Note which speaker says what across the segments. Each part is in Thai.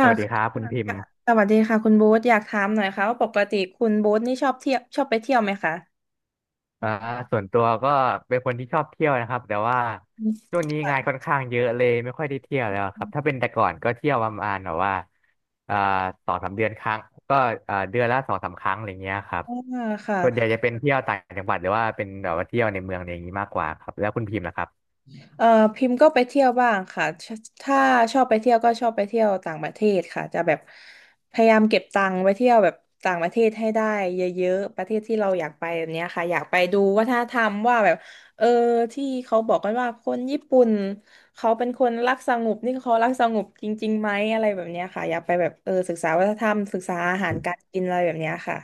Speaker 1: ส
Speaker 2: ่ะ
Speaker 1: วัสดีครับคุณพิม
Speaker 2: ค่ะ
Speaker 1: พ์
Speaker 2: สวัสดีค่ะคุณโบ๊ทอยากถามหน่อยค่ะว่าปกติคุณโบ๊ทนี่ชอบเที่ยวชอบไปเที่ยวไหมคะ
Speaker 1: อ่าส่วนตัวก็เป็นคนที่ชอบเที่ยวนะครับแต่ว่า
Speaker 2: อืม
Speaker 1: ช่วงนี้งานค่อนข้างเยอะเลยไม่ค่อยได้เที่ยวแล้วครับถ้าเป็นแต่ก่อนก็เที่ยวประมาณแบบว่าอ่าสองสามเดือนครั้งก็เดือนละสองสามครั้งอะไรเงี้ยครับ
Speaker 2: อ่าค่ะ
Speaker 1: ส่วนใหญ่จะเป็นเที่ยวต่างจังหวัดหรือว่าเป็นแบบว่าเที่ยวในเมืองอะไรอย่างนี้มากกว่าครับแล้วคุณพิมพ์ล่ะครับ
Speaker 2: เอ่อพิมพ์ก็ไปเที่ยวบ้างค่ะถ้าชอบไปเที่ยวก็ชอบไปเที่ยวต่างประเทศค่ะจะแบบพยายามเก็บตังค์ไปเที่ยวแบบต่างประเทศให้ได้เยอะๆประเทศที่เราอยากไปแบบเนี้ยค่ะอยากไปดูวัฒนธรรมว่าแบบเออที่เขาบอกกันว่าคนญี่ปุ่นเขาเป็นคนรักสงบนี่เขารักสงบจริงๆไหมอะไรแบบเนี้ยค่ะอยากไปแบบศึกษาวัฒนธรรมศึกษาอาหารการกินอะไรแบบเนี้ยค่ะ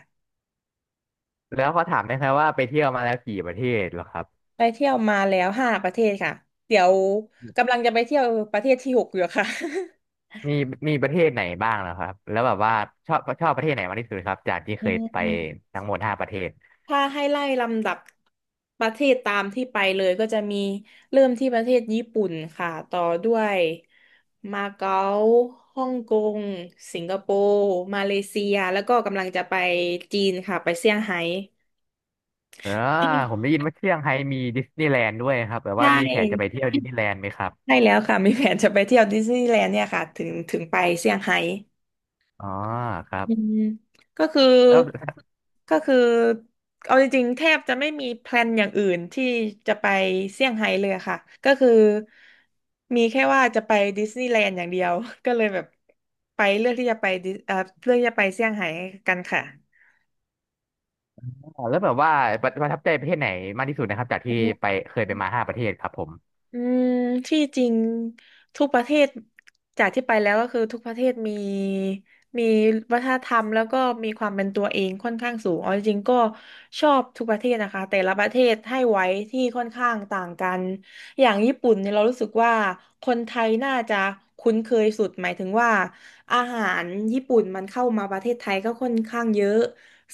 Speaker 1: แล้วขอถามได้ไหมว่าไปเที่ยวมาแล้วกี่ประเทศเหรอครับ
Speaker 2: ไปเที่ยวมาแล้วห้าประเทศค่ะเดี๋ยวกำลังจะไปเที่ยวประเทศที่หกอยู่ค่ะ
Speaker 1: มีมีประเทศไหนบ้างเหรอครับแล้วแบบว่าชอบประเทศไหนมากที่สุดครับจากที่
Speaker 2: อื
Speaker 1: เคยไป
Speaker 2: ม
Speaker 1: ทั้งหมดห้าประเทศ
Speaker 2: ถ้าให้ไล่ลำดับประเทศตามที่ไปเลยก็จะมีเริ่มที่ประเทศญี่ปุ่นค่ะต่อด้วยมาเก๊าฮ่องกงสิงคโปร์มาเลเซียแล้วก็กำลังจะไปจีนค่ะไปเซี่ยงไฮ้
Speaker 1: เออผมได้ยินว่าเชียงไฮ้มีดิสนีย์แลนด์ด้วยครับแบบ
Speaker 2: ใช
Speaker 1: ว่ามีแผนจะไป
Speaker 2: ่
Speaker 1: เที่ยวดิสนีย์แลนด์ไหมครับ
Speaker 2: ใช่แล้วค่ะมีแผนจะไปเที่ยวดิสนีย์แลนด์เนี่ยค่ะถึงไปเซี่ยงไฮ้
Speaker 1: อ๋อครับ
Speaker 2: อืมก็คือ
Speaker 1: แล้ว
Speaker 2: ก็คือเอาจริงๆแทบจะไม่มีแพลนอย่างอื่นที่จะไปเซี่ยงไฮ้เลยค่ะก็คือมีแค่ว่าจะไปดิสนีย์แลนด์อย่างเดียว ก็เลยแบบไปเลือกที่จะไปเซี่ยงไฮ้กันค่ะ
Speaker 1: แล้วแบบว่าประทับใจประเทศไหนมากที่สุดนะครับจากที่ไปเคยไปมาห้าประเทศครับผม
Speaker 2: อืมที่จริงทุกประเทศจากที่ไปแล้วก็คือทุกประเทศมีวัฒนธรรมแล้วก็มีความเป็นตัวเองค่อนข้างสูงเอาจริงๆก็ชอบทุกประเทศนะคะแต่ละประเทศให้ไว้ที่ค่อนข้างต่างกันอย่างญี่ปุ่นเนี่ยเรารู้สึกว่าคนไทยน่าจะคุ้นเคยสุดหมายถึงว่าอาหารญี่ปุ่นมันเข้ามาประเทศไทยก็ค่อนข้างเยอะ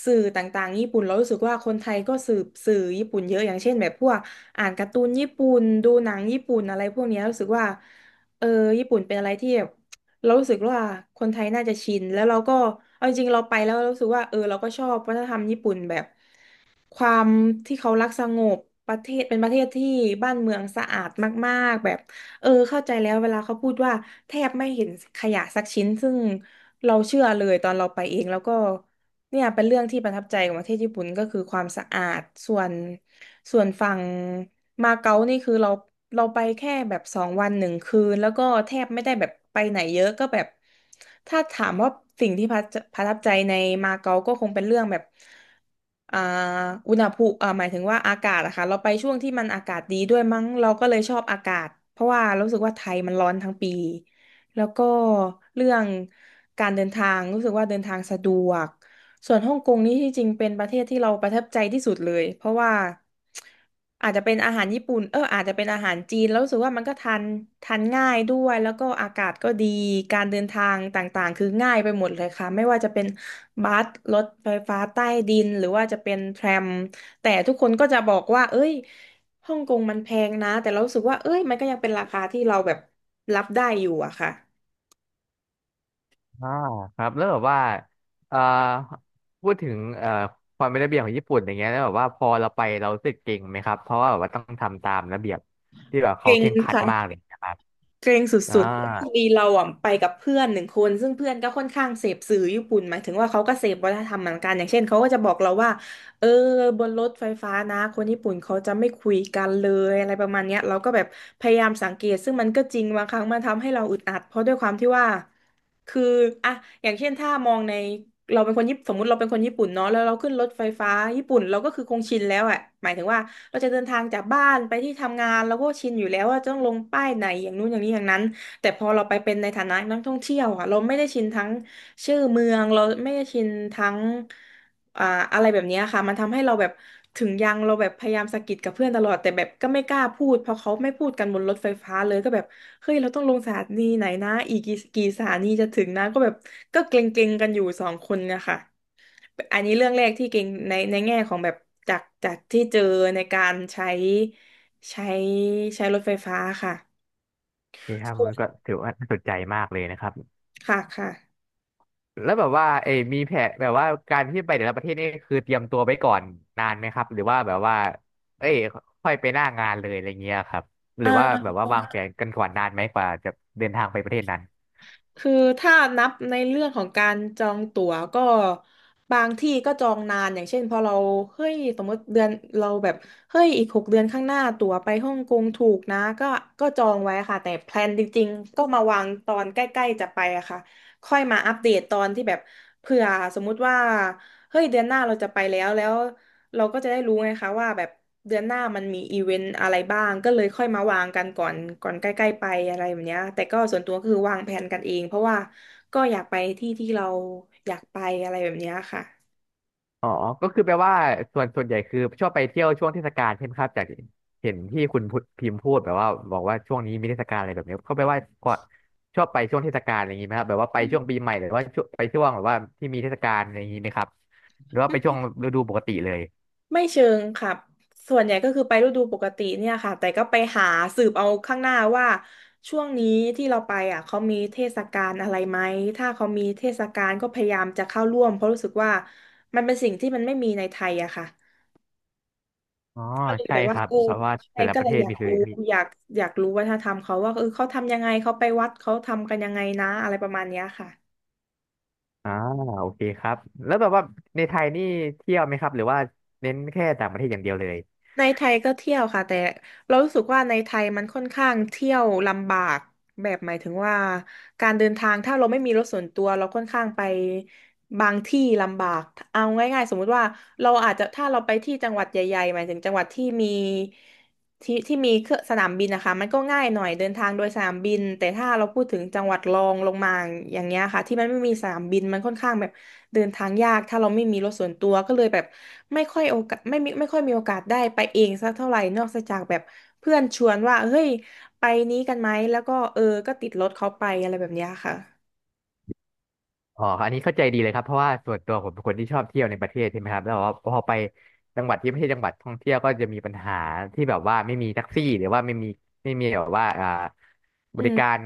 Speaker 2: สื่อต่างๆญี่ปุ่นเรารู้สึกว่าคนไทยก็สืบสื่อญี่ปุ่นเยอะอย่างเช่นแบบพวก อ่านการ์ตูนญี่ปุ่นดูหนังญี่ปุ่นอะไรพวกเนี้ยรู้สึกว่าเออญี่ปุ่นเป็นอะไรที่แบบเรารู้สึกว่าคนไทยน่าจะชินแล้วเราก็เอาจริงๆเราไปแล้วเรารู้สึกว่าเราก็ชอบวัฒนธรรมญี่ปุ่นแบบความที่เขารักสงบประเทศเป็นประเทศที่บ้านเมืองสะอาดมากๆแบบเข้าใจแล้วเวลาเขาพูดว่าแทบไม่เห็นขยะสักชิ้นซึ่งเราเชื่อเลยตอนเราไปเองแล้วก็ เนี่ยเป็นเรื่องที่ประทับใจของประเทศญี่ปุ่นก็คือความสะอาดส่วนส่วนฝั่งมาเก๊านี่คือเราไปแค่แบบสองวันหนึ่งคืนแล้วก็แทบไม่ได้แบบไปไหนเยอะก็แบบถ้าถามว่าสิ่งที่ประทับใจในมาเก๊าก็คงเป็นเรื่องแบบอ่าอุณหภูมิหมายถึงว่าอากาศอะค่ะเราไปช่วงที่มันอากาศดีด้วยมั้งเราก็เลยชอบอากาศเพราะว่ารู้สึกว่าไทยมันร้อนทั้งปีแล้วก็เรื่องการเดินทางรู้สึกว่าเดินทางสะดวก ส่วนฮ่องกงนี่ที่จริงเป็นประเทศที่เราประทับใจที่สุดเลยเพราะว่าอาจจะเป็นอาหารญี่ปุ่นอาจจะเป็นอาหารจีนแล้วรู้สึกว่ามันก็ทานง่ายด้วยแล้วก็อากาศก็ดีการเดินทางต่างๆคือง่ายไปหมดเลยค่ะไม่ว่าจะเป็นบัสรถไฟฟ้าใต้ดินหรือว่าจะเป็นแทรมแต่ทุกคนก็จะบอกว่าเอ้ยฮ่องกงมันแพงนะแต่เรารู้สึกว่าเอ้ยมันก็ยังเป็นราคาที่เราแบบรับได้อยู่อะค่ะ
Speaker 1: อ่าครับแล้วแบบว่าเอ่อพูดถึงความเป็นระเบียบของญี่ปุ่นอย่างเงี้ยแล้วแบบว่าพอเราไปเรารู้สึกเก่งไหมครับเพราะว่าแบบว่าต้องทำตามระเบียบที่แบบเขา
Speaker 2: เก่ง
Speaker 1: เคร่งครัด
Speaker 2: ค่ะ
Speaker 1: มากเลยนะครับ
Speaker 2: เกรงส
Speaker 1: อ่า
Speaker 2: ุดๆแต่พอดีเราอ่ะไปกับเพื่อนหนึ่งคนซึ่งเพื่อนก็ค่อนข้างเสพสื่อญี่ปุ่นหมายถึงว่าเขาก็เสพวัฒนธรรมเหมือนกันอย่างเช่นเขาก็จะบอกเราว่าเออบนรถไฟฟ้านะคนญี่ปุ่นเขาจะไม่คุยกันเลยอะไรประมาณเนี้ยเราก็แบบพยายามสังเกตซึ่งมันก็จริงบางครั้งมันทำให้เราอึดอัดเพราะด้วยความที่ว่า คืออะอย่างเช่นถ้ามองในเราเป็นคนญี่ปุ่นสมมติเราเป็นคนญี่ปุ่นเนาะแล้วเราขึ้นรถไฟฟ้าญี่ปุ่นเราก็คือคงชินแล้วอะหมายถึงว่าเราจะเดินทางจากบ้านไปที่ทำงานเราก็ชินอยู่แล้วว่าจะต้องลงป้ายไหนอย่างนู้นอย่างนี้อย่างนั้นแต่พอเราไปเป็นในฐานะนักท่องเที่ยวอะเราไม่ได้ชินทั้งชื่อเมืองเราไม่ได้ชินทั้ง อ่าอะไรแบบเนี้ยค่ะมันทำให้เราแบบถึงยังเราแบบพยายามสะกิดกับเพื่อนตลอดแต่แบบก็ไม่กล้าพูดเพราะเขาไม่พูดกันบนรถไฟฟ้าเลยก็แบบเฮ้ยเราต้องลงสถานีไหนนะอีกกี่สถานีจะถึงนะก็แบบก็เกรงๆกันอยู่สองคนเนะคะอันนี้เรื่องแรกที่เกรงในแง่ของแบบจากที่เจอในการใช้ใช้รถไฟฟ้าค่ะ
Speaker 1: โอเคครับ
Speaker 2: ส่ว
Speaker 1: มั
Speaker 2: น
Speaker 1: นก็ถือว่าน่าสนใจมากเลยนะครับ
Speaker 2: ค่ะค่ะ
Speaker 1: แล้วแบบว่าเอยมีแผนแบบว่าการที่ไปแต่ละประเทศนี่คือเตรียมตัวไว้ก่อนนานไหมครับหรือว่าแบบว่าเอ้ยค่อยไปหน้างานเลยอะไรเงี้ยครับห
Speaker 2: เอ่
Speaker 1: รือว่าแบ
Speaker 2: อ
Speaker 1: บว่าวางแผนกันก่อนนานไหมกว่าจะเดินทางไปประเทศนั้น
Speaker 2: คือถ้านับในเรื่องของการจองตั๋วก็บางที่ก็จองนานอย่างเช่นพอเราเฮ้ยสมมติเดือนเราแบบเฮ้ยอีก6 เดือนข้างหน้าตั๋วไปฮ่องกงถูกนะก็ก็จองไว้ค่ะแต่แพลนจริงๆก็มาวางตอนใกล้ๆจะไปอะค่ะค่อยมาอัปเดตตอนที่แบบเผื่อสมมุติว่าเฮ้ยเดือนหน้าเราจะไปแล้ว เราก็จะได้รู้ไงคะว่าแบบเดือนหน้ามันมีอีเวนต์อะไรบ้างก็เลยค่อยมาวางกันก่อนใกล้ๆไปอะไรแบบเนี้ยแต่ก็ส่วนตัวก็คือวางแผนกันเองเพราะว่าก็อยากไปที่ที่เราอยากไปอะไรแบบเนี้ยค่ะ
Speaker 1: อ๋อก็คือแปลว่าส่วนใหญ่คือชอบไปเที่ยวช่วงเทศกาลใช่ไหมครับจากเห็นที่คุณพุพิมพ์พูดแบบว่าบอกว่าช่วงนี้มีเทศกาลอะไรแบบนี้ก็แปลว่าชอบไปช่วงเทศกาลอะไรอย่างนี้ไหมครับแบบว่าไป
Speaker 2: อื
Speaker 1: ช่วงปี
Speaker 2: ม
Speaker 1: ใหม่หรือว่าช่วงไปช่วงแบบว่าที่มีเทศกาลอะไรอย่างนี้ไหมครับหรือว่าไปช่วงฤดูปกติเลย
Speaker 2: ไม่เชิงค่ะส่วนใหญ่ก็คือไปฤดูปกติเนี่ยค่ะแต่ก็ไปหาสืบเอาข้างหน้าว่าช่วงนี้ที่เราไปอ่ะเขามีเทศกาลอะไรไหมถ้าเขามีเทศกาลก็พยายามจะเข้าร่วมเพราะรู้สึกว่ามันเป็นสิ่งที่มันไม่มีในไทยอะค่ะ
Speaker 1: อ๋อ
Speaker 2: ก็เลย
Speaker 1: ใช่
Speaker 2: แบบ
Speaker 1: ค
Speaker 2: ว่า
Speaker 1: รับ
Speaker 2: เออ
Speaker 1: เพราะว่า
Speaker 2: ใช่
Speaker 1: แต่ละ
Speaker 2: ก็
Speaker 1: ประ
Speaker 2: เล
Speaker 1: เท
Speaker 2: ย
Speaker 1: ศ
Speaker 2: อยา
Speaker 1: มี
Speaker 2: ก
Speaker 1: คือ
Speaker 2: รู้
Speaker 1: มี
Speaker 2: อยากอยากรู้วัฒนธรรมเขาว่าเออเขาทำยังไงเขาไปวัดเขาทำกันยังไงนะอะไรประมาณเนี้ยค่ะ
Speaker 1: อ่าโอเคครับแล้วแบบว่าในไทยนี่เที่ยวไหมครับหรือว่าเน้นแค่ต่างประเทศอย่างเดียวเลย
Speaker 2: ในไทยก็เที่ยวค่ะแต่เรารู้สึกว่าในไทยมันค่อนข้างเที่ยวลำบากแบบหมายถึงว่าการเดินทางถ้าเราไม่มีรถส่วนตัวเราค่อนข้างไปบางที่ลำบากเอาง่ายๆสมมุติว่าเราอาจจะถ้าเราไปที่จังหวัดใหญ่ๆหมายถึงจังหวัดที่มี ที่ที่มีเครื่องสนามบินนะคะมันก็ง่ายหน่อยเดินทางโดยสนามบินแต่ถ้าเราพูดถึงจังหวัดรองลงมาอย่างเงี้ยค่ะที่มันไม่มีสนามบินมันค่อนข้างแบบเดินทางยากถ้าเราไม่มีรถส่วนตัวก็เลยแบบไม่ค่อยโอกาสไม่มีไม่ค่อยมีโอกาสได้ไปเองสักเท่าไหร่นอกจากแบบเพื่อนชวนว่าเฮ้ยไปนี้กันไหมแล้วก็เออก็ติดรถเขาไปอะไรแบบเนี้ยค่ะ
Speaker 1: อ๋ออันนี้เข้าใจดีเลยครับเพราะว่าส่วนตัวผมเป็นคนที่ชอบเที่ยวในประเทศใช่ไหมครับแล้วแบบว่าพอไปจังหวัดที่ไม่ใช่จังหวัดท่องเที่ยวก็จะมีปัญหาที่แบบว่าไม่มีแท็กซี่หรือว่าไม่มีแบบว่าบ
Speaker 2: อื
Speaker 1: ริการ
Speaker 2: ม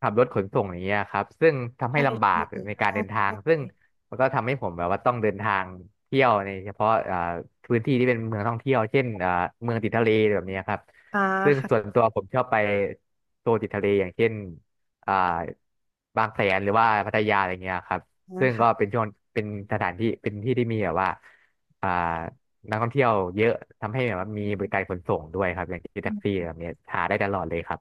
Speaker 1: ขับรถขนส่งอย่างเงี้ยครับซึ่งทำให้
Speaker 2: ใช่
Speaker 1: ลำบา
Speaker 2: ใช่
Speaker 1: กในการเดินทาง
Speaker 2: ใช่
Speaker 1: ซึ่ง
Speaker 2: ใช่
Speaker 1: มันก็ทำให้ผมแบบว่าต้องเดินทางเที่ยวในเฉพาะพื้นที่ที่เป็นเมืองท่องเที่ยวเช่นเมืองติดทะเลแบบเนี้ยครับ
Speaker 2: อ่า
Speaker 1: ซึ่งส่วน
Speaker 2: ค่ะ
Speaker 1: ตัวผมชอบไปโซนติดทะเลอย่างเช่น อ่าบางแสนหรือว่าพัทยาอะไรเงี้ยครับ
Speaker 2: อ่า
Speaker 1: ซึ่ง
Speaker 2: ค่ะ
Speaker 1: ก็เป็นช่วงเป็นสถานที่เป็นที่ที่มีแบบว่าอ่านักท่องเที่ยวเยอะทำให้แบบว่ามีบริการขนส่งด้วยครับอย่างที่
Speaker 2: อื
Speaker 1: แท็กซี่
Speaker 2: ม
Speaker 1: แบบเนี้ยหาได้ตลอดเลยครับ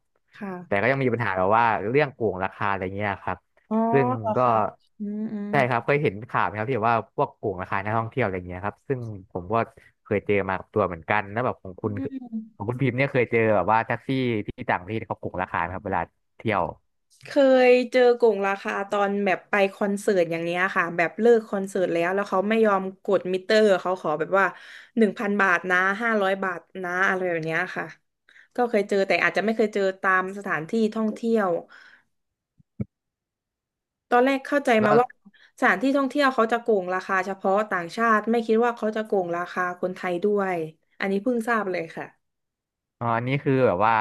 Speaker 1: แต่
Speaker 2: ค่ะ
Speaker 1: ก็ยังมีปัญหาแบบว่าเรื่องโกงราคาอะไรเงี้ยครับ
Speaker 2: อ๋อ
Speaker 1: ซึ่ง
Speaker 2: เหรอ
Speaker 1: ก็
Speaker 2: ค่ะอืมอืม
Speaker 1: ใช่ครับเคยเห็นข่าวไหมครับที่แบบว่าพวกโกงราคานักท่องเที่ยวอะไรเงี้ยครับซึ่งผมก็เคยเจอมากับตัวเหมือนกันแล้วแบบของ
Speaker 2: อื
Speaker 1: คุณของ
Speaker 2: ม
Speaker 1: คุณพิมพ์เนี่ยเคยเจอแบบว่าแท็กซี่ที่ต่างประเทศเขาโกงราคาไหมครับเวลาเที่ยว
Speaker 2: เคยเจอกงราคาตอนแบบไปคอนเสิร์ตอย่างเนี้ยค่ะแบบเลิกคอนเสิร์ตแล้วเขาไม่ยอมกดมิเตอร์เขาขอแบบว่า1,000 บาทนะ500 บาทนะอะไรแบบเนี้ยค่ะก็เคยเจอแต่อาจจะไม่เคยเจอตามสถานที่ท่องเที่ยวตอนแรกเข้าใจ
Speaker 1: แล้
Speaker 2: มา
Speaker 1: ว
Speaker 2: ว่าสถานที่ท่องเที่ยวเขาจะโกงราคาเฉพาะต่างชาติไม่คิดว่าเขาจะโกงราคาคนไทยด้วยอันนี้เพิ่งทราบเลยค่ะ
Speaker 1: อ๋ออันนี้คือแบบว่า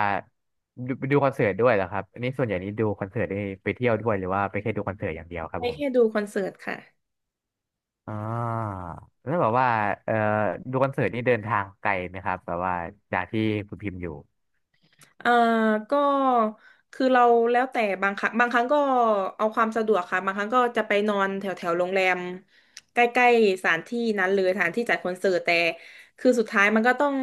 Speaker 1: ดูไปดูคอนเสิร์ตด้วยเหรอครับอันนี้ส่วนใหญ่นี้ดูคอนเสิร์ตได้ไปเที่ยวด้วยหรือว่าไปแค่ดูคอนเสิร์ตอย่างเดียวครั
Speaker 2: ไป
Speaker 1: บผม
Speaker 2: แค่ดูคอนเสิร์ตค่ะ
Speaker 1: อ่าแล้วแบบว่าเอ่อดูคอนเสิร์ตนี่เดินทางไกลไหมครับแบบว่าจากที่คุณพิมพ์อยู่
Speaker 2: เอ่อก็คือเราแล้วแต่บางครั้งบางครั้งก็เอาความสะดวกค่ะบางครั้งก็จะไปนอนแถวแถวโรงแรมใกล้ๆสถานที่นั้นเลยสถานที่จัดคอนเสิร์ตแต่คือสุดท้ายมันก็ต้อง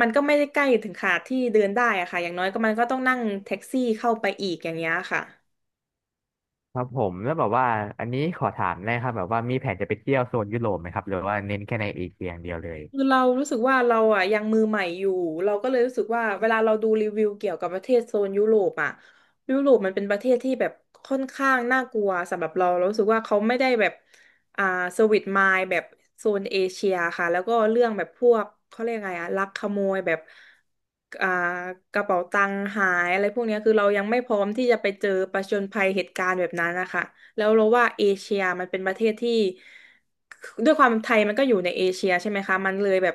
Speaker 2: มันก็ไม่ได้ใกล้ถึงขนาดที่เดินได้อะค่ะอย่างน้อยก็มันก็ต้องนั่งแท็กซี่เข้าไปอีกอย่างเงี้ยค่ะ
Speaker 1: ครับผมแล้วแบบว่าอันนี้ขอถามได้ครับแบบว่ามีแผนจะไปเที่ยวโซนยุโรปไหมครับหรือว่าเน้นแค่ในเอเชียอย่างเดียวเลย
Speaker 2: คือเรารู้สึกว่าเราอ่ะยังมือใหม่อยู่เราก็เลยรู้สึกว่าเวลาเราดูรีวิวเกี่ยวกับประเทศโซนยุโรปอ่ะยุโรปมันเป็นประเทศที่แบบค่อนข้างน่ากลัวสำหรับเราเรารู้สึกว่าเขาไม่ได้แบบอ่าสวิตมายแบบโซนเอเชียค่ะแล้วก็เรื่องแบบพวกเขาเรียกไงอ่ะลักขโมยแบบอ่ากระเป๋าตังค์หายอะไรพวกเนี้ยคือเรายังไม่พร้อมที่จะไปเจอประจญภัยเหตุการณ์แบบนั้นนะคะ แล้วเราว่าเอเชียมันเป็นประเทศที่ด้วยความไทยมันก็อยู่ในเอเชียใช่ไหมคะมันเลยแบบ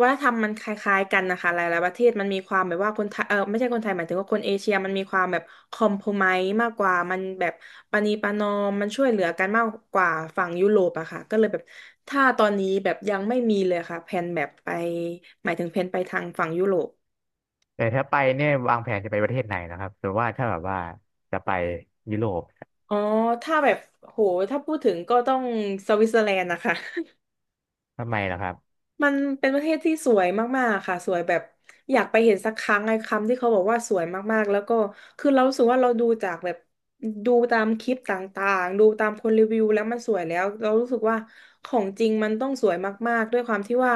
Speaker 2: วัฒนธรรมมันคล้ายๆกันนะคะหลายๆประเทศมันมีความแบบว่าคนไทยเออไม่ใช่คนไทยหมายถึงว่าคนเอเชียมันมีความแบบคอมโพไมมากกว่ามันแบบปณีประนอมมันช่วยเหลือกันมากกว่าฝั่งยุโรปอะค่ะก็เลยแบบถ้าตอนนี้แบบยังไม่มีเลยค่ะแผนแบบไปหมายถึงแผนไปทางฝั่งยุโรป
Speaker 1: แต่ถ้าไปเนี่ยวางแผนจะไปประเทศไหนนะครับหรือว่าถ้าแบบว่าจะไปยุโรป
Speaker 2: อ๋อถ้าแบบโหถ้าพูดถึงก็ต้องสวิตเซอร์แลนด์นะคะ
Speaker 1: ทำไมล่ะครับ
Speaker 2: มันเป็นประเทศที่สวยมากๆค่ะสวยแบบอยากไปเห็นสักครั้งไอ้คำที่เขาบอกว่าสวยมากๆแล้วก็คือเรารู้สึกว่าเราดูจากแบบดูตามคลิปต่างๆดูตามคนรีวิวแล้วมันสวยแล้วเรารู้สึกว่าของจริงมันต้องสวยมากๆด้วยความที่ว่า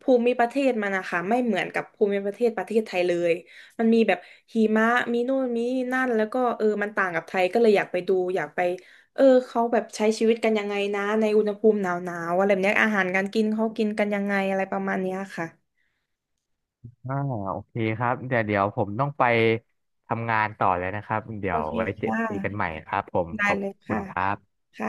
Speaker 2: ภูมิประเทศมันนะคะไม่เหมือนกับภูมิประเทศประเทศไทยเลยมันมีแบบหิมะมีนู่นมีนั่นแล้วก็เออมันต่างกับไทยก็เลยอยากไปดูอยากไป เออเขาแบบใช้ชีวิตกันยังไงนะในอุณหภูมิหนาวๆอะไรแบบเนี้ยอาหารการกินเขากินกันยังไงอะไรประมาณเนี้ยค่ะ
Speaker 1: อ่าโอเคครับเดี๋ยวเดี๋ยวผมต้องไปทำงานต่อแล้วนะครับ เดี๋
Speaker 2: โอ
Speaker 1: ยว
Speaker 2: เค
Speaker 1: ไว้เจอ
Speaker 2: ค่
Speaker 1: คุยกันให
Speaker 2: ะ
Speaker 1: ม่ครับผม
Speaker 2: ได้
Speaker 1: ขอบ
Speaker 2: เลย
Speaker 1: คุ
Speaker 2: ค่ะ
Speaker 1: ณครับ
Speaker 2: ค่ะ